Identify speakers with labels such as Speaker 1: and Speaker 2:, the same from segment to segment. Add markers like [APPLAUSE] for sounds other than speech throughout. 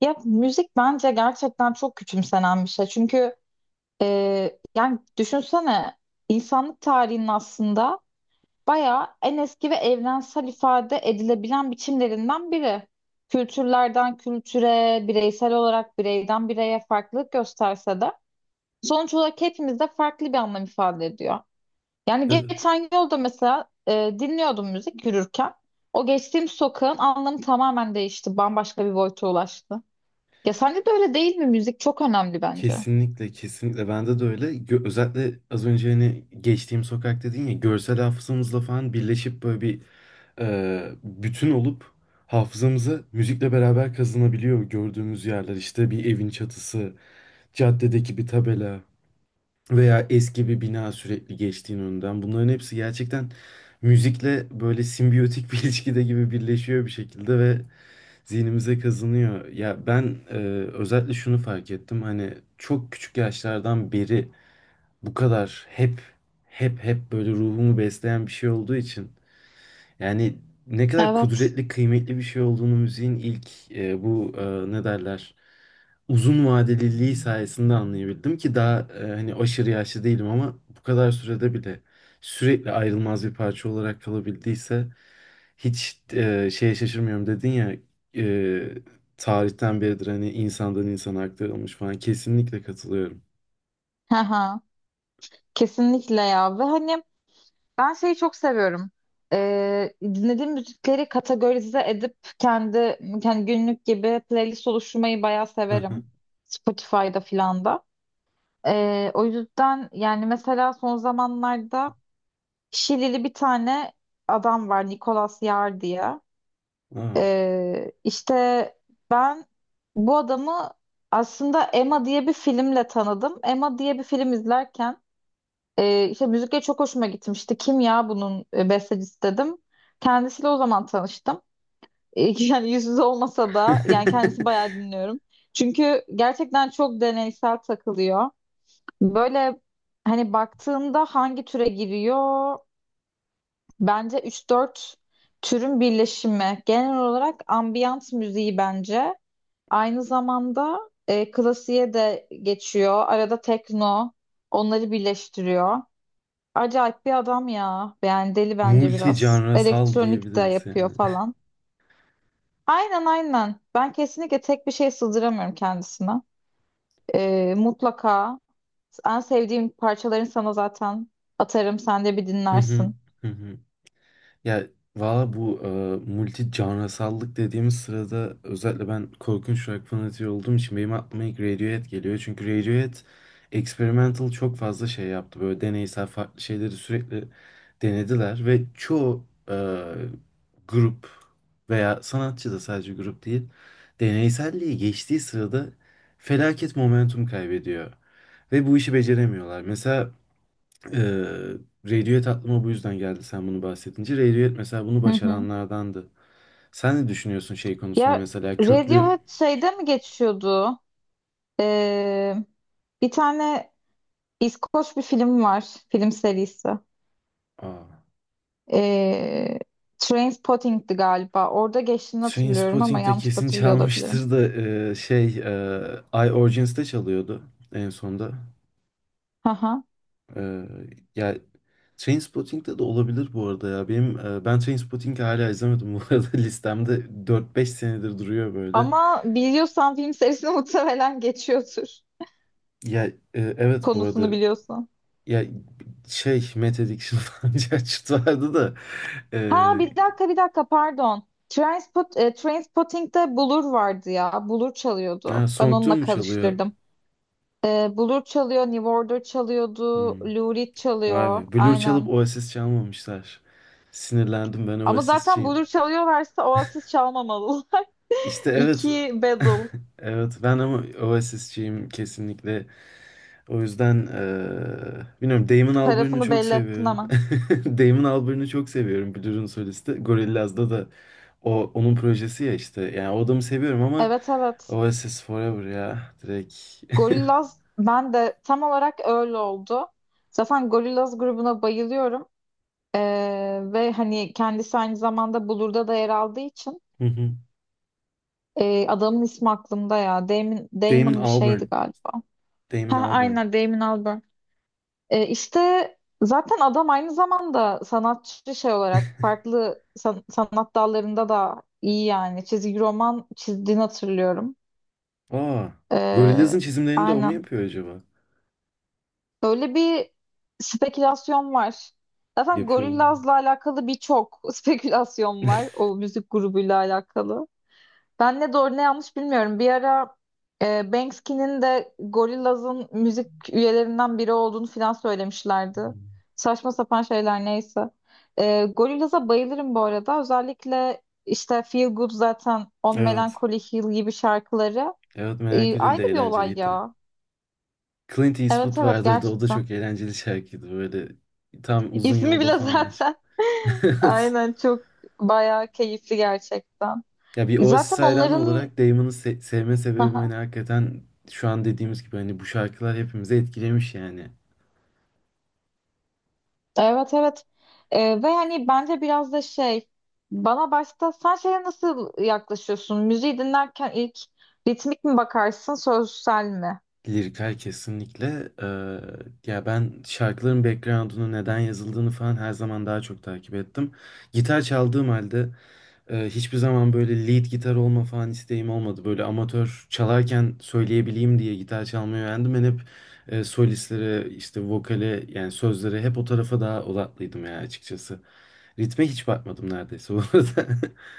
Speaker 1: Ya müzik bence gerçekten çok küçümsenen bir şey. Çünkü yani düşünsene insanlık tarihinin aslında bayağı en eski ve evrensel ifade edilebilen biçimlerinden biri. Kültürlerden kültüre, bireysel olarak bireyden bireye farklılık gösterse de sonuç olarak hepimizde farklı bir anlam ifade ediyor. Yani
Speaker 2: Evet.
Speaker 1: geçen yolda mesela dinliyordum müzik yürürken. O geçtiğim sokağın anlamı tamamen değişti. Bambaşka bir boyuta ulaştı. Ya sence de öyle değil mi? Müzik çok önemli bence.
Speaker 2: Kesinlikle kesinlikle bende de öyle. Özellikle az önce hani geçtiğim sokak dedin ya, görsel hafızamızla falan birleşip böyle bir bütün olup hafızamıza müzikle beraber kazınabiliyor gördüğümüz yerler. İşte bir evin çatısı, caddedeki bir tabela veya eski bir bina sürekli geçtiğin önünden. Bunların hepsi gerçekten müzikle böyle simbiyotik bir [LAUGHS] ilişkide gibi birleşiyor bir şekilde ve zihnimize kazınıyor. Ya ben özellikle şunu fark ettim. Hani çok küçük yaşlardan beri bu kadar hep böyle ruhumu besleyen bir şey olduğu için, yani ne kadar
Speaker 1: Evet.
Speaker 2: kudretli, kıymetli bir şey olduğunu müziğin ilk bu ne derler uzun vadeliliği sayesinde anlayabildim ki daha hani aşırı yaşlı değilim ama bu kadar sürede bile sürekli ayrılmaz bir parça olarak kalabildiyse, hiç şeye şaşırmıyorum. Dedin ya, e, tarihten beridir hani insandan insana aktarılmış falan, kesinlikle katılıyorum.
Speaker 1: Hı hı. Kesinlikle ya. Ve hani ben şeyi çok seviyorum. Dinlediğim müzikleri kategorize edip kendi günlük gibi playlist oluşturmayı bayağı severim.
Speaker 2: [LAUGHS]
Speaker 1: Spotify'da filan da. O yüzden yani mesela son zamanlarda Şilili bir tane adam var Nicolas Yar diye.
Speaker 2: Aa.
Speaker 1: İşte ben bu adamı aslında Emma diye bir filmle tanıdım. Emma diye bir film izlerken işte müzikle çok hoşuma gitmişti. Kim ya bunun bestecisi dedim. Kendisiyle o zaman tanıştım. [LAUGHS] Yani yüz yüze olmasa da yani kendisi bayağı
Speaker 2: [LAUGHS]
Speaker 1: dinliyorum. Çünkü gerçekten çok deneysel takılıyor. Böyle hani baktığında hangi türe giriyor? Bence üç dört türün birleşimi. Genel olarak ambiyans müziği bence. Aynı zamanda klasiğe de geçiyor. Arada tekno onları birleştiriyor. Acayip bir adam ya. Yani deli bence
Speaker 2: Multi
Speaker 1: biraz. Elektronik de
Speaker 2: diyebiliriz
Speaker 1: yapıyor
Speaker 2: yani.
Speaker 1: falan. Aynen aynen. Ben kesinlikle tek bir şey sığdıramıyorum kendisine. E, mutlaka En sevdiğim parçalarını sana zaten atarım. Sen de bir
Speaker 2: [LAUGHS] Hı hı,
Speaker 1: dinlersin.
Speaker 2: hı hı. Ya valla bu multi canrısallık dediğimiz sırada özellikle ben korkunç rock fanatiği olduğum için benim aklıma ilk Radiohead geliyor. Çünkü Radiohead experimental çok fazla şey yaptı. Böyle deneysel farklı şeyleri sürekli denediler ve çoğu e, grup veya sanatçı, da sadece grup değil, deneyselliği geçtiği sırada felaket momentum kaybediyor. Ve bu işi beceremiyorlar. Mesela ee, Radiohead aklıma bu yüzden geldi sen bunu bahsedince. Radiohead mesela bunu
Speaker 1: Hı hı.
Speaker 2: başaranlardandı. Sen ne düşünüyorsun şey konusunda,
Speaker 1: Ya
Speaker 2: mesela köklü...
Speaker 1: Radiohead şeyde mi geçiyordu? Ee, Bir tane İskoç bir film var. Film serisi.
Speaker 2: Aa,
Speaker 1: Ee, Trainspotting'di galiba. Orada geçtiğini hatırlıyorum ama
Speaker 2: Trainspotting'de
Speaker 1: yanlış da
Speaker 2: kesin
Speaker 1: hatırlıyor olabilirim.
Speaker 2: çalmıştır da şey, I Origins çalıyordu en sonda.
Speaker 1: Aha.
Speaker 2: E, ya Trainspotting'de de olabilir bu arada ya. Ben Trainspotting'i hala izlemedim bu arada. [LAUGHS] Listemde 4-5 senedir duruyor böyle.
Speaker 1: Ama biliyorsan film serisini [LAUGHS] muhtemelen geçiyordur.
Speaker 2: Ya evet bu arada.
Speaker 1: Konusunu biliyorsan.
Speaker 2: Ya şey Mete Dikşin [LAUGHS] falan diye açıt vardı da e,
Speaker 1: Ha, bir dakika pardon. Trainspotting'de Blur vardı ya. Blur
Speaker 2: ha,
Speaker 1: çalıyordu. Ben
Speaker 2: Song Tune
Speaker 1: onunla
Speaker 2: mu çalıyor?
Speaker 1: karıştırdım. Blur çalıyor, New Order çalıyordu,
Speaker 2: Hmm,
Speaker 1: Lou Reed
Speaker 2: vay
Speaker 1: çalıyor.
Speaker 2: be. Blur çalıp
Speaker 1: Aynen.
Speaker 2: Oasis çalmamışlar. Sinirlendim, ben
Speaker 1: Ama zaten
Speaker 2: Oasis'çiyim.
Speaker 1: Blur çalıyorlarsa Oasis çalmamalı.
Speaker 2: İşte
Speaker 1: [LAUGHS]
Speaker 2: evet. [LAUGHS]
Speaker 1: İki battle
Speaker 2: Evet, ben ama Oasis'çiyim kesinlikle. O yüzden bilmiyorum, Damon Albarn'ı
Speaker 1: tarafını
Speaker 2: çok
Speaker 1: belli ettin
Speaker 2: seviyorum.
Speaker 1: ama.
Speaker 2: [LAUGHS] Damon Albarn'ı çok seviyorum, Blur'un solisti. Gorillaz'da da onun projesi ya işte. Yani o adamı seviyorum ama
Speaker 1: Evet evet.
Speaker 2: Oasis Forever ya, direkt.
Speaker 1: Gorillaz ben de tam olarak öyle oldu. Zaten Gorillaz grubuna bayılıyorum. E, Ve hani kendisi aynı zamanda Blur'da da yer aldığı için
Speaker 2: Hı hı.
Speaker 1: Adamın ismi aklımda ya.
Speaker 2: Damon
Speaker 1: Damon bir şeydi
Speaker 2: Albarn.
Speaker 1: galiba.
Speaker 2: Damon
Speaker 1: Ha,
Speaker 2: Albarn.
Speaker 1: aynen Damon Albarn. İşte zaten adam aynı zamanda sanatçı şey olarak farklı sanat dallarında da iyi yani. Çizgi roman çizdiğini hatırlıyorum.
Speaker 2: Aa, Gorillaz'ın
Speaker 1: Ee,
Speaker 2: çizimlerini de o mu
Speaker 1: aynen.
Speaker 2: yapıyor acaba?
Speaker 1: Böyle bir spekülasyon var. Zaten
Speaker 2: Yapıyorlar.
Speaker 1: Gorillaz'la alakalı birçok [LAUGHS] spekülasyon var.
Speaker 2: [LAUGHS]
Speaker 1: O müzik grubuyla alakalı. Ben ne doğru ne yanlış bilmiyorum. Bir ara Banksy'nin de Gorillaz'ın müzik üyelerinden biri olduğunu falan söylemişlerdi. Saçma sapan şeyler neyse. Gorillaz'a bayılırım bu arada. Özellikle işte Feel Good zaten On
Speaker 2: Evet.
Speaker 1: Melancholy Hill gibi şarkıları.
Speaker 2: Evet, merak edildi
Speaker 1: Ayrı
Speaker 2: de
Speaker 1: bir olay
Speaker 2: eğlenceliydi.
Speaker 1: ya.
Speaker 2: Clint
Speaker 1: Evet
Speaker 2: Eastwood
Speaker 1: evet
Speaker 2: vardı. O da
Speaker 1: gerçekten.
Speaker 2: çok eğlenceli şarkıydı. Böyle tam
Speaker 1: [LAUGHS]
Speaker 2: uzun
Speaker 1: İsmi
Speaker 2: yolda
Speaker 1: bile
Speaker 2: falan aç.
Speaker 1: zaten.
Speaker 2: [LAUGHS]
Speaker 1: [LAUGHS]
Speaker 2: Evet.
Speaker 1: Aynen çok bayağı keyifli gerçekten.
Speaker 2: Ya bir Oasis
Speaker 1: Zaten
Speaker 2: hayranı
Speaker 1: onların
Speaker 2: olarak Damon'ı sevme sebebim hani
Speaker 1: [LAUGHS]
Speaker 2: hakikaten şu an dediğimiz gibi, hani bu şarkılar hepimizi etkilemiş yani.
Speaker 1: evet evet. Ve hani bence biraz da şey, bana başta sen şeye nasıl yaklaşıyorsun? Müziği dinlerken ilk ritmik mi bakarsın sözsel mi?
Speaker 2: Lirikler kesinlikle. Ya ben şarkıların background'unu, neden yazıldığını falan her zaman daha çok takip ettim. Gitar çaldığım halde hiçbir zaman böyle lead gitar olma falan isteğim olmadı. Böyle amatör çalarken söyleyebileyim diye gitar çalmayı öğrendim. Ben hep solistlere, işte vokale, yani sözlere, hep o tarafa daha odaklıydım ya açıkçası. Ritme hiç bakmadım neredeyse bu arada. [LAUGHS]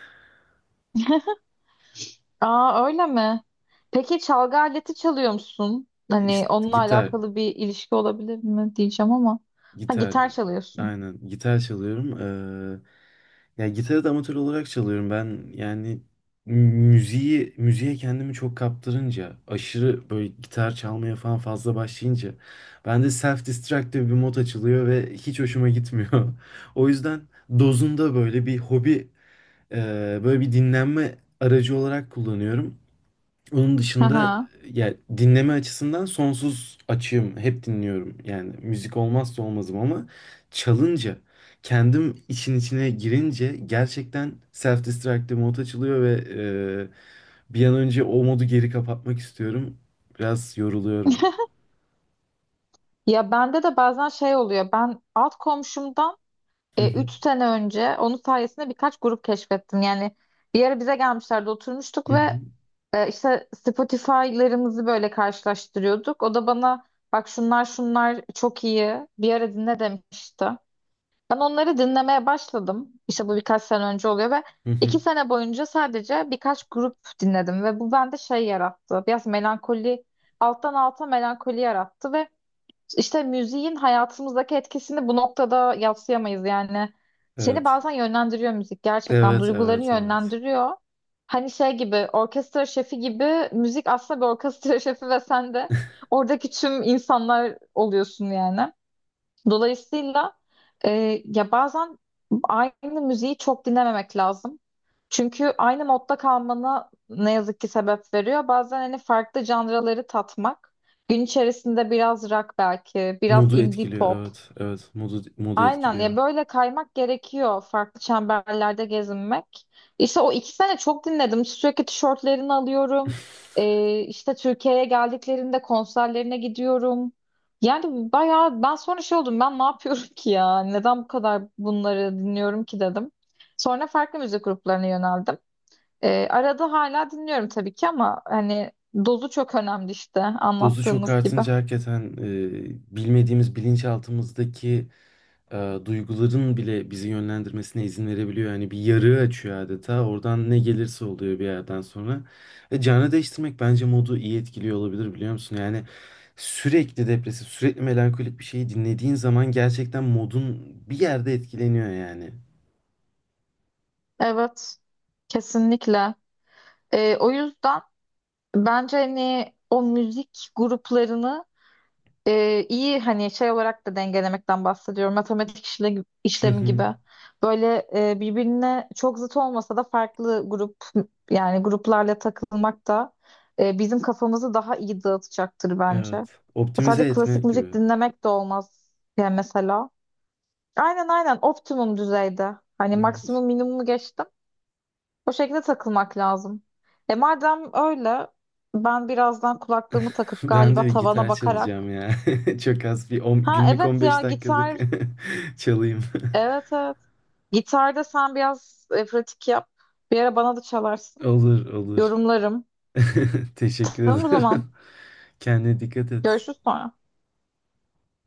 Speaker 1: Aa öyle mi? Peki çalgı aleti çalıyor musun? Hani
Speaker 2: İşte
Speaker 1: onunla
Speaker 2: gitar.
Speaker 1: alakalı bir ilişki olabilir mi diyeceğim ama. Ha
Speaker 2: Gitar.
Speaker 1: gitar çalıyorsun.
Speaker 2: Aynen. Gitar çalıyorum. Ya gitarı da amatör olarak çalıyorum. Ben yani müziğe kendimi çok kaptırınca, aşırı böyle gitar çalmaya falan fazla başlayınca bende self-destructive bir mod açılıyor ve hiç hoşuma gitmiyor. [LAUGHS] O yüzden dozunda böyle bir hobi, e, böyle bir dinlenme aracı olarak kullanıyorum. Onun dışında
Speaker 1: Aha.
Speaker 2: ya dinleme açısından sonsuz açığım. Hep dinliyorum. Yani müzik olmazsa olmazım ama çalınca, kendim işin içine girince gerçekten self-destructive mod açılıyor ve bir an önce o modu geri kapatmak istiyorum. Biraz yoruluyorum.
Speaker 1: Ya bende de bazen şey oluyor. Ben alt komşumdan
Speaker 2: Hı hı.
Speaker 1: 3 sene önce onun sayesinde birkaç grup keşfettim. Yani bir ara bize gelmişlerdi oturmuştuk
Speaker 2: Hı
Speaker 1: ve
Speaker 2: hı.
Speaker 1: işte Spotify'larımızı böyle karşılaştırıyorduk. O da bana bak şunlar şunlar çok iyi bir ara dinle demişti. Ben onları dinlemeye başladım. İşte bu birkaç sene önce oluyor ve
Speaker 2: Hı hı.
Speaker 1: iki sene boyunca sadece birkaç grup dinledim ve bu bende şey yarattı. Biraz melankoli, alttan alta melankoli yarattı ve işte müziğin hayatımızdaki etkisini bu noktada yadsıyamayız yani. Seni
Speaker 2: Evet.
Speaker 1: bazen yönlendiriyor müzik gerçekten
Speaker 2: Evet,
Speaker 1: duygularını
Speaker 2: evet, evet.
Speaker 1: yönlendiriyor. Hani şey gibi orkestra şefi gibi müzik aslında bir orkestra [LAUGHS] şefi ve sen de oradaki tüm insanlar oluyorsun yani. Dolayısıyla ya bazen aynı müziği çok dinlememek lazım. Çünkü aynı modda kalmana ne yazık ki sebep veriyor. Bazen hani farklı janraları tatmak. Gün içerisinde biraz rock belki, biraz
Speaker 2: Modu
Speaker 1: indie
Speaker 2: etkiliyor.
Speaker 1: pop.
Speaker 2: Evet, evet. Modu
Speaker 1: Aynen ya
Speaker 2: etkiliyor.
Speaker 1: böyle kaymak gerekiyor farklı çemberlerde gezinmek. İşte o iki sene çok dinledim. Sürekli tişörtlerini alıyorum.
Speaker 2: [LAUGHS]
Speaker 1: İşte Türkiye'ye geldiklerinde konserlerine gidiyorum. Yani bayağı ben sonra şey oldum, ben ne yapıyorum ki ya? Neden bu kadar bunları dinliyorum ki dedim. Sonra farklı müzik gruplarına yöneldim. Arada hala dinliyorum tabii ki ama hani dozu çok önemli işte
Speaker 2: Dozu çok
Speaker 1: anlattığımız gibi.
Speaker 2: artınca hakikaten bilmediğimiz, bilinçaltımızdaki duyguların bile bizi yönlendirmesine izin verebiliyor. Yani bir yarığı açıyor adeta. Oradan ne gelirse oluyor bir yerden sonra. Canı değiştirmek bence modu iyi etkiliyor olabilir, biliyor musun? Yani sürekli depresif, sürekli melankolik bir şeyi dinlediğin zaman gerçekten modun bir yerde etkileniyor yani.
Speaker 1: Evet kesinlikle. O yüzden... Bence hani o müzik gruplarını iyi hani şey olarak da dengelemekten bahsediyorum. Matematik
Speaker 2: Hı
Speaker 1: işlemi
Speaker 2: hı.
Speaker 1: gibi. Böyle birbirine çok zıt olmasa da farklı grup, yani gruplarla takılmak da bizim kafamızı daha iyi dağıtacaktır bence.
Speaker 2: Evet. Optimize
Speaker 1: Sadece
Speaker 2: etme
Speaker 1: klasik müzik
Speaker 2: gibi.
Speaker 1: dinlemek de olmaz yani mesela. Aynen aynen optimum düzeyde. Hani
Speaker 2: Evet.
Speaker 1: maksimum minimumu geçtim. O şekilde takılmak lazım. E madem öyle ben birazdan kulaklığımı
Speaker 2: [LAUGHS]
Speaker 1: takıp
Speaker 2: Ben de
Speaker 1: galiba
Speaker 2: bir
Speaker 1: tavana
Speaker 2: gitar çalacağım
Speaker 1: bakarak.
Speaker 2: ya. [LAUGHS] Çok az bir on,
Speaker 1: Ha
Speaker 2: günlük
Speaker 1: evet
Speaker 2: 15
Speaker 1: ya
Speaker 2: dakikalık
Speaker 1: gitar.
Speaker 2: [LAUGHS] çalayım.
Speaker 1: Evet evet. Gitarda sen biraz pratik yap. Bir ara bana da
Speaker 2: [LAUGHS]
Speaker 1: çalarsın.
Speaker 2: Olur olur.
Speaker 1: Yorumlarım.
Speaker 2: [LAUGHS] Teşekkür
Speaker 1: Tamam o zaman.
Speaker 2: ederim. [LAUGHS] Kendine dikkat et.
Speaker 1: Görüşürüz sonra.